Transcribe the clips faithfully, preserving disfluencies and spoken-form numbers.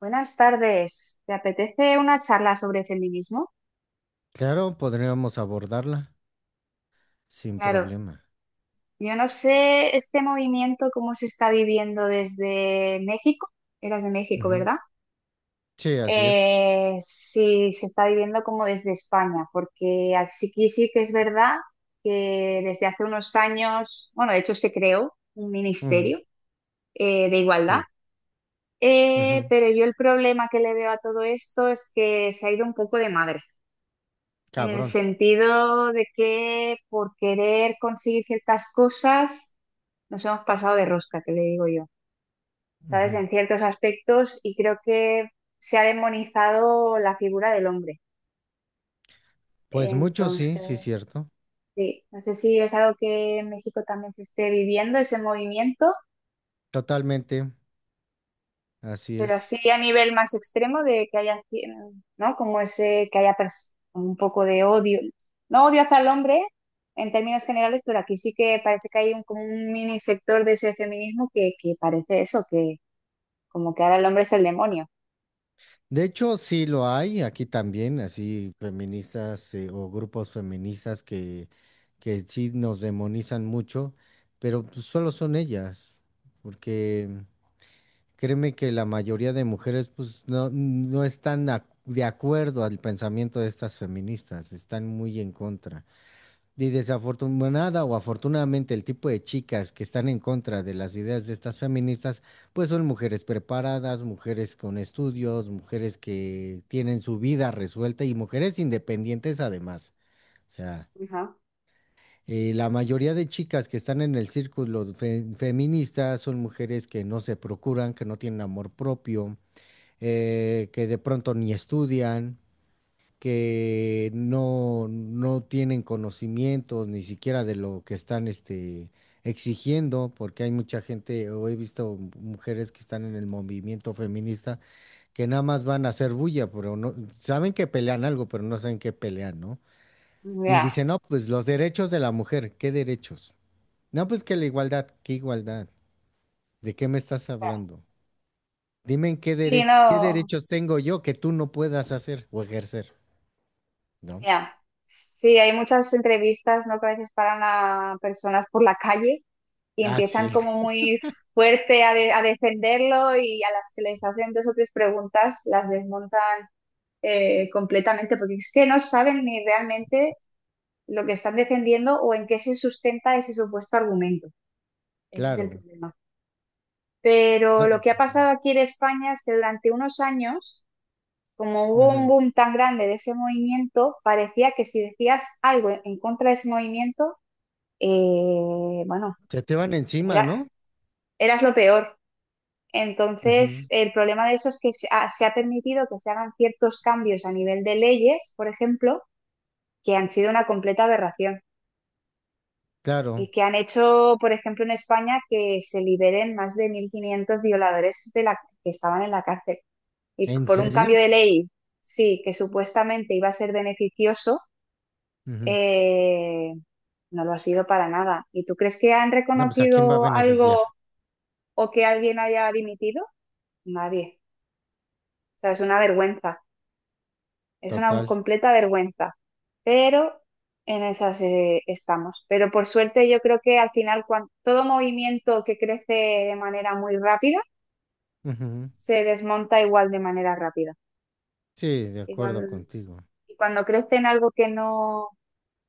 Buenas tardes. ¿Te apetece una charla sobre feminismo? Claro, podríamos abordarla sin Claro, problema. yo no sé este movimiento cómo se está viviendo desde México. Eras de México, Ujú. ¿verdad? Sí, así es. Eh, sí, se está viviendo como desde España, porque aquí sí que es verdad que desde hace unos años, bueno, de hecho se creó un Ujú. ministerio eh, de igualdad. Sí. Eh, ujú. Pero yo el problema que le veo a todo esto es que se ha ido un poco de madre. En el Cabrón. sentido de que por querer conseguir ciertas cosas nos hemos pasado de rosca, que le digo yo, ¿sabes? Ujú. En ciertos aspectos, y creo que se ha demonizado la figura del hombre. Pues mucho sí, sí, Entonces, cierto. sí, no sé si es algo que en México también se esté viviendo, ese movimiento. Totalmente, así Pero es. así a nivel más extremo de que haya, cien- ¿no? Como ese, que haya pers- un poco de odio. No odio hacia el hombre en términos generales, pero aquí sí que parece que hay un, como un mini sector de ese feminismo que, que parece eso, que como que ahora el hombre es el demonio. De hecho, sí lo hay aquí también, así feministas eh, o grupos feministas que, que sí nos demonizan mucho, pero pues, solo son ellas, porque créeme que la mayoría de mujeres pues no, no están ac- de acuerdo al pensamiento de estas feministas, están muy en contra. Y desafortunada o afortunadamente el tipo de chicas que están en contra de las ideas de estas feministas pues son mujeres preparadas, mujeres con estudios, mujeres que tienen su vida resuelta y mujeres independientes además. O sea, eh, la mayoría de chicas que están en el círculo fe- feminista son mujeres que no se procuran, que no tienen amor propio, eh, que de pronto ni estudian, que no, no tienen conocimientos ni siquiera de lo que están este, exigiendo, porque hay mucha gente, o he visto mujeres que están en el movimiento feminista, que nada más van a hacer bulla, pero no, saben que pelean algo, pero no saben qué pelean, ¿no? Y Ya, dicen, no, pues los derechos de la mujer, ¿qué derechos? No, pues que la igualdad, ¿qué igualdad? ¿De qué me estás ya. hablando? Dime en qué, Sí, dere- qué no, derechos tengo yo que tú no puedas hacer o ejercer, ¿no? ya. Sí, hay muchas entrevistas, ¿no? Que a veces paran a personas por la calle y Ah, empiezan sí, como muy fuerte a, de- a defenderlo, y a las que les hacen dos o tres preguntas las desmontan eh, completamente, porque es que no saben ni realmente lo que están defendiendo o en qué se sustenta ese supuesto argumento. Ese es el claro. problema. Pero No, lo que ha pasado aquí en España es que durante unos años, como hubo un ujú. boom tan grande de ese movimiento, parecía que si decías algo en contra de ese movimiento, eh, bueno, Se te van encima, era, ¿no? eras lo peor. Ujú. Entonces, el problema de eso es que se ha, se ha permitido que se hagan ciertos cambios a nivel de leyes, por ejemplo, que han sido una completa aberración, Claro. y que han hecho, por ejemplo, en España, que se liberen más de mil quinientos violadores de la, que estaban en la cárcel. Y ¿En por un serio? cambio de ley, sí, que supuestamente iba a ser beneficioso, Ujú. eh, no lo ha sido para nada. ¿Y tú crees que han No, pues ¿a quién va a reconocido beneficiar? algo o que alguien haya dimitido? Nadie. O sea, es una vergüenza. Es una Total. completa vergüenza, pero en esas eh, estamos. Pero por suerte yo creo que al final cuan- todo movimiento que crece de manera muy rápida Ujú. se desmonta igual de manera rápida. Sí, de Y acuerdo cuando, contigo. y cuando crece en algo que no,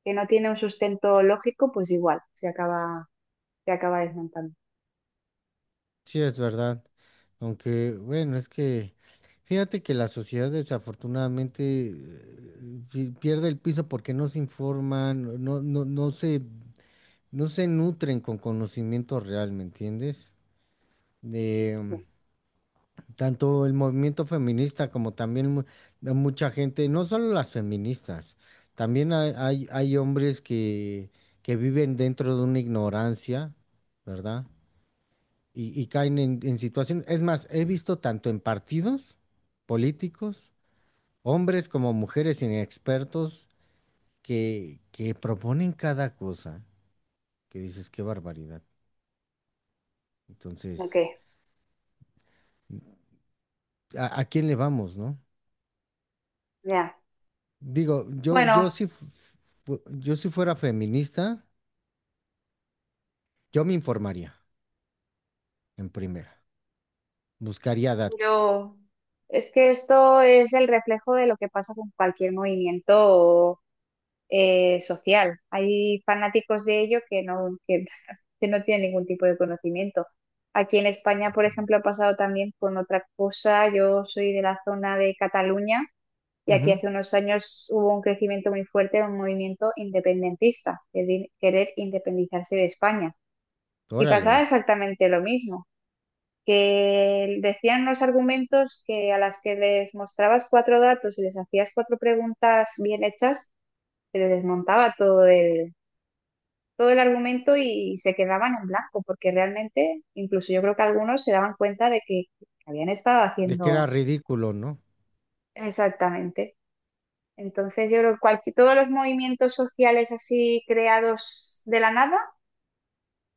que no tiene un sustento lógico, pues igual se acaba, se acaba desmontando. Sí, es verdad. Aunque, bueno, es que fíjate que la sociedad desafortunadamente eh, pi- pierde el piso porque no se informan, no, no, no se no se nutren con conocimiento real, ¿me entiendes? De Mm. tanto el movimiento feminista como también mu- de mucha gente, no solo las feministas, también hay, hay- hay hombres que, que viven dentro de una ignorancia, ¿verdad? Y, y caen en, en situaciones, es más, he visto tanto en partidos políticos, hombres como mujeres inexpertos que, que proponen cada cosa, que dices, qué barbaridad. Ok, Entonces... a, a quién le vamos, ¿no? ya. Digo, yo, yo Bueno, si, fu- fu- yo si fuera feminista, yo me informaría en primera, buscaría datos. yo... es que esto es el reflejo de lo que pasa con cualquier movimiento eh, social. Hay fanáticos de ello que no, que, que no tienen ningún tipo de conocimiento. Aquí en España, por ejemplo, ha pasado también con otra cosa. Yo soy de la zona de Cataluña, y aquí Ujú. hace unos años hubo un crecimiento muy fuerte de un movimiento independentista, de di- querer independizarse de España. Y pasaba Órale. exactamente lo mismo, que decían los argumentos que a las que les mostrabas cuatro datos y les hacías cuatro preguntas bien hechas, se les desmontaba todo el todo el argumento, y se quedaban en blanco, porque realmente, incluso yo creo que algunos se daban cuenta de que habían estado De que era haciendo ridículo, ¿no? exactamente. Entonces, yo creo que cualqui- todos los movimientos sociales así creados de la nada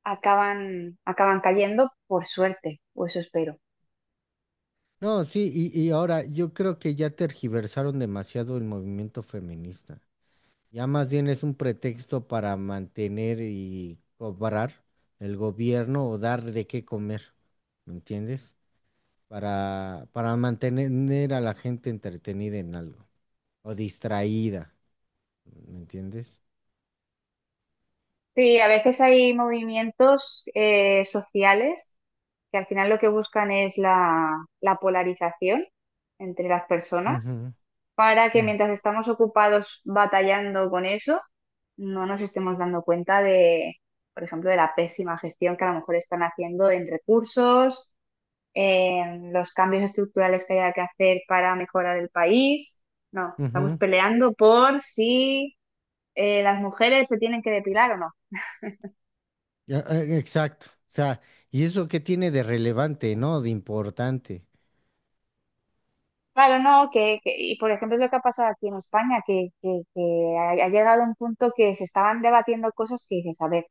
acaban, acaban cayendo, por suerte, o eso espero. No, sí, y, y ahora yo creo que ya tergiversaron demasiado el movimiento feminista. Ya más bien es un pretexto para mantener y cobrar el gobierno o dar de qué comer, ¿me entiendes? Para, para mantener a la gente entretenida en algo, o distraída, ¿me entiendes? Sí, a veces hay movimientos eh, sociales que al final lo que buscan es la, la polarización entre las personas, Ujú. para que Mm. mientras estamos ocupados batallando con eso, no nos estemos dando cuenta de, por ejemplo, de la pésima gestión que a lo mejor están haciendo en recursos, en los cambios estructurales que haya que hacer para mejorar el país. No, estamos Ujú. peleando por si eh, las mujeres se tienen que depilar o no. Ya, eh, exacto. O sea, ¿y eso qué tiene de relevante, no? De importante. Claro, no, que, que- y por ejemplo lo que ha pasado aquí en España, que, que, que ha, ha llegado a un punto que se estaban debatiendo cosas que dices, a ver,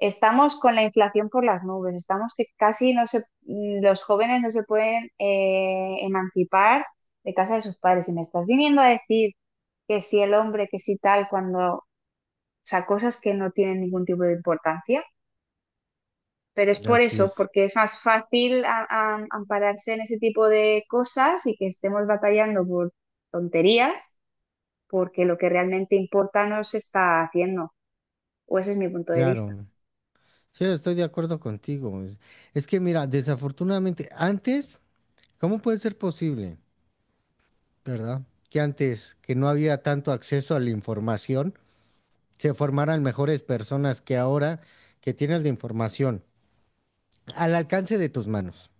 estamos con la inflación por las nubes, estamos que casi no se, mm, los jóvenes no se pueden eh, emancipar de casa de sus padres. Y me estás viniendo a decir que si el hombre, que si tal, cuando, o sea, cosas que no tienen ningún tipo de importancia. Pero es por Así eso, es. porque es más fácil a- a- ampararse en ese tipo de cosas, y que estemos batallando por tonterías, porque lo que realmente importa no se está haciendo. O ese es mi punto de vista. Claro. Sí, estoy de acuerdo contigo. Es, es que mira, desafortunadamente, antes, ¿cómo puede ser posible, verdad? Que antes, que no había tanto acceso a la información, se formaran mejores personas que ahora que tienes la información al alcance de tus manos.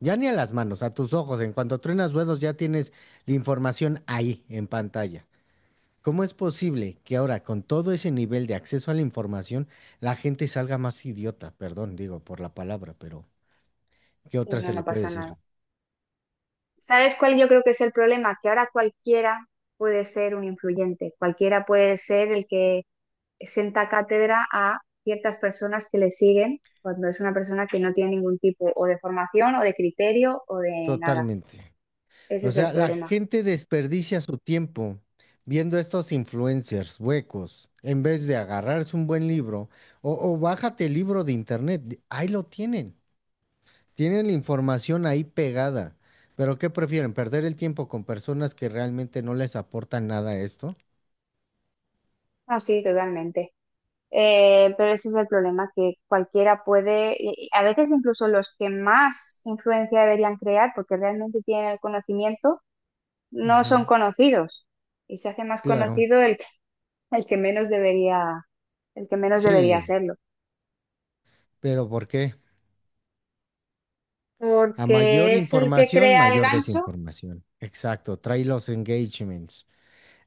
Ya ni a las manos, a tus ojos. En cuanto truenas huesos, ya tienes la información ahí en pantalla. ¿Cómo es posible que ahora, con todo ese nivel de acceso a la información, la gente salga más idiota? Perdón, digo por la palabra, pero ¿qué Y otra no, se no le puede pasa nada. decir? ¿Sabes cuál yo creo que es el problema? Que ahora cualquiera puede ser un influyente, cualquiera puede ser el que senta cátedra a ciertas personas que le siguen, cuando es una persona que no tiene ningún tipo o de formación o de criterio o de nada. Totalmente. Ese O es el sea, la problema. gente desperdicia su tiempo viendo estos influencers huecos en vez de agarrarse un buen libro o, o bájate el libro de internet. Ahí lo tienen. Tienen la información ahí pegada, pero ¿qué prefieren? ¿Perder el tiempo con personas que realmente no les aportan nada a esto? Ah, sí, totalmente. Eh, pero ese es el problema, que cualquiera puede, y- y a veces incluso los que más influencia deberían crear, porque realmente tienen el conocimiento, no son Ujú. conocidos, y se hace más Claro, conocido el el que menos debería, el que menos debería sí, hacerlo, pero ¿por qué? A mayor porque es el que información, crea el mayor gancho. desinformación. Exacto, trae los engagements.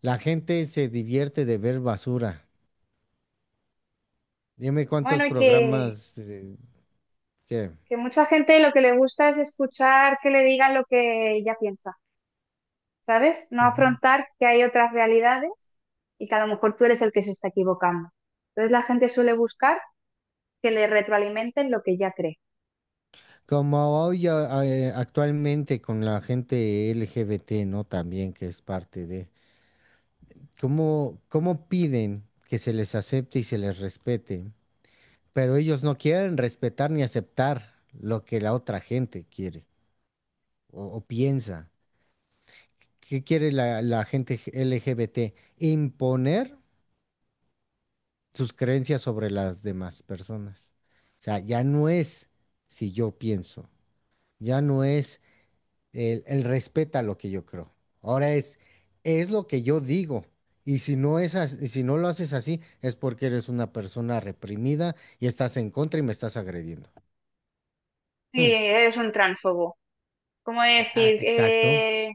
La gente se divierte de ver basura. Dime cuántos Bueno, y que, programas, eh, ¿qué? que mucha gente lo que le gusta es escuchar que le digan lo que ella piensa, ¿sabes? No Ujú. afrontar que hay otras realidades, y que a lo mejor tú eres el que se está equivocando. Entonces la gente suele buscar que le retroalimenten lo que ya cree. Como hoy a- a- eh, actualmente con la gente L G B T, ¿no? También que es parte de... ¿Cómo, cómo piden que se les acepte y se les respete? Pero ellos no quieren respetar ni aceptar lo que la otra gente quiere o, o piensa. ¿Qué quiere la, la gente g- L G B T? Imponer sus creencias sobre las demás personas. O sea, ya no es si yo pienso, ya no es El, el respeta lo que yo creo. Ahora es, es lo que yo digo. Y si no es as- y si no lo haces así, es porque eres una persona reprimida y estás en contra y me estás agrediendo. Sí, Mm, eres un tránsfobo. Como eh, ah, decir, exacto. eh,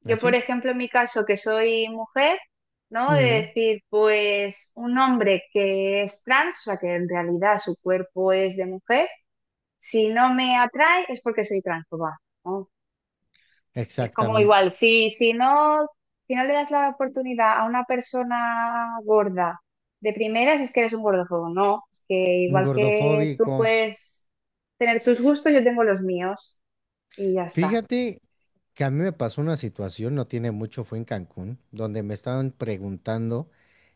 yo, Así por es. ejemplo, en mi caso, que soy mujer, ¿no? De Ujú. decir, pues un hombre que es trans, o sea, que en realidad su cuerpo es de mujer, si no me atrae es porque soy transfoba, ¿no? Es como Exactamente. igual, si, si no, si no le das la oportunidad a una persona gorda de primeras, es que eres un gordofobo, ¿no? Es que Un igual que tú gordofóbico. puedes tener tus gustos, yo tengo los míos y ya está. Fíjate que a mí me pasó una situación, no tiene mucho, fue en Cancún, donde me estaban preguntando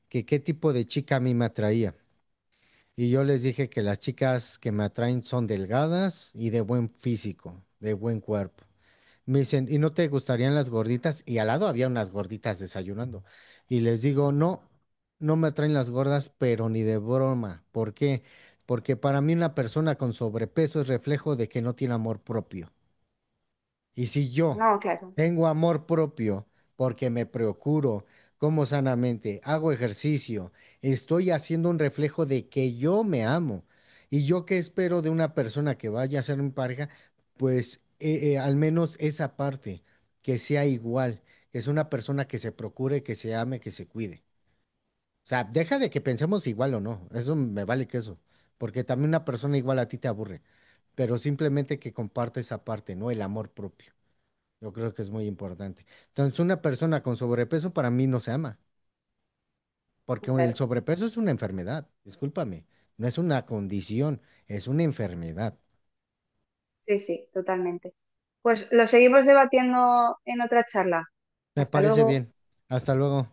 que qué tipo de chica a mí me atraía. Y yo les dije que las chicas que me atraen son delgadas y de buen físico, de buen cuerpo. Me dicen, ¿y no te gustarían las gorditas? Y al lado había unas gorditas desayunando. Y les digo, no, no me atraen las gordas, pero ni de broma. ¿Por qué? Porque para mí una persona con sobrepeso es reflejo de que no tiene amor propio. Y si yo No, claro, tengo amor propio porque me procuro, como sanamente, hago ejercicio, estoy haciendo un reflejo de que yo me amo. Y yo qué espero de una persona que vaya a ser mi pareja, pues eh, eh, al menos esa parte, que sea igual, que es una persona que se procure, que se ame, que se cuide. O sea, deja de que pensemos igual o no, eso me vale queso, porque también una persona igual a ti te aburre, pero simplemente que comparte esa parte, ¿no? El amor propio. Yo creo que es muy importante. Entonces, una persona con sobrepeso para mí no se ama, porque el claro. sobrepeso es una enfermedad, discúlpame, no es una condición, es una enfermedad. Sí, sí, totalmente. Pues lo seguimos debatiendo en otra charla. Me Hasta parece luego. bien. Hasta luego.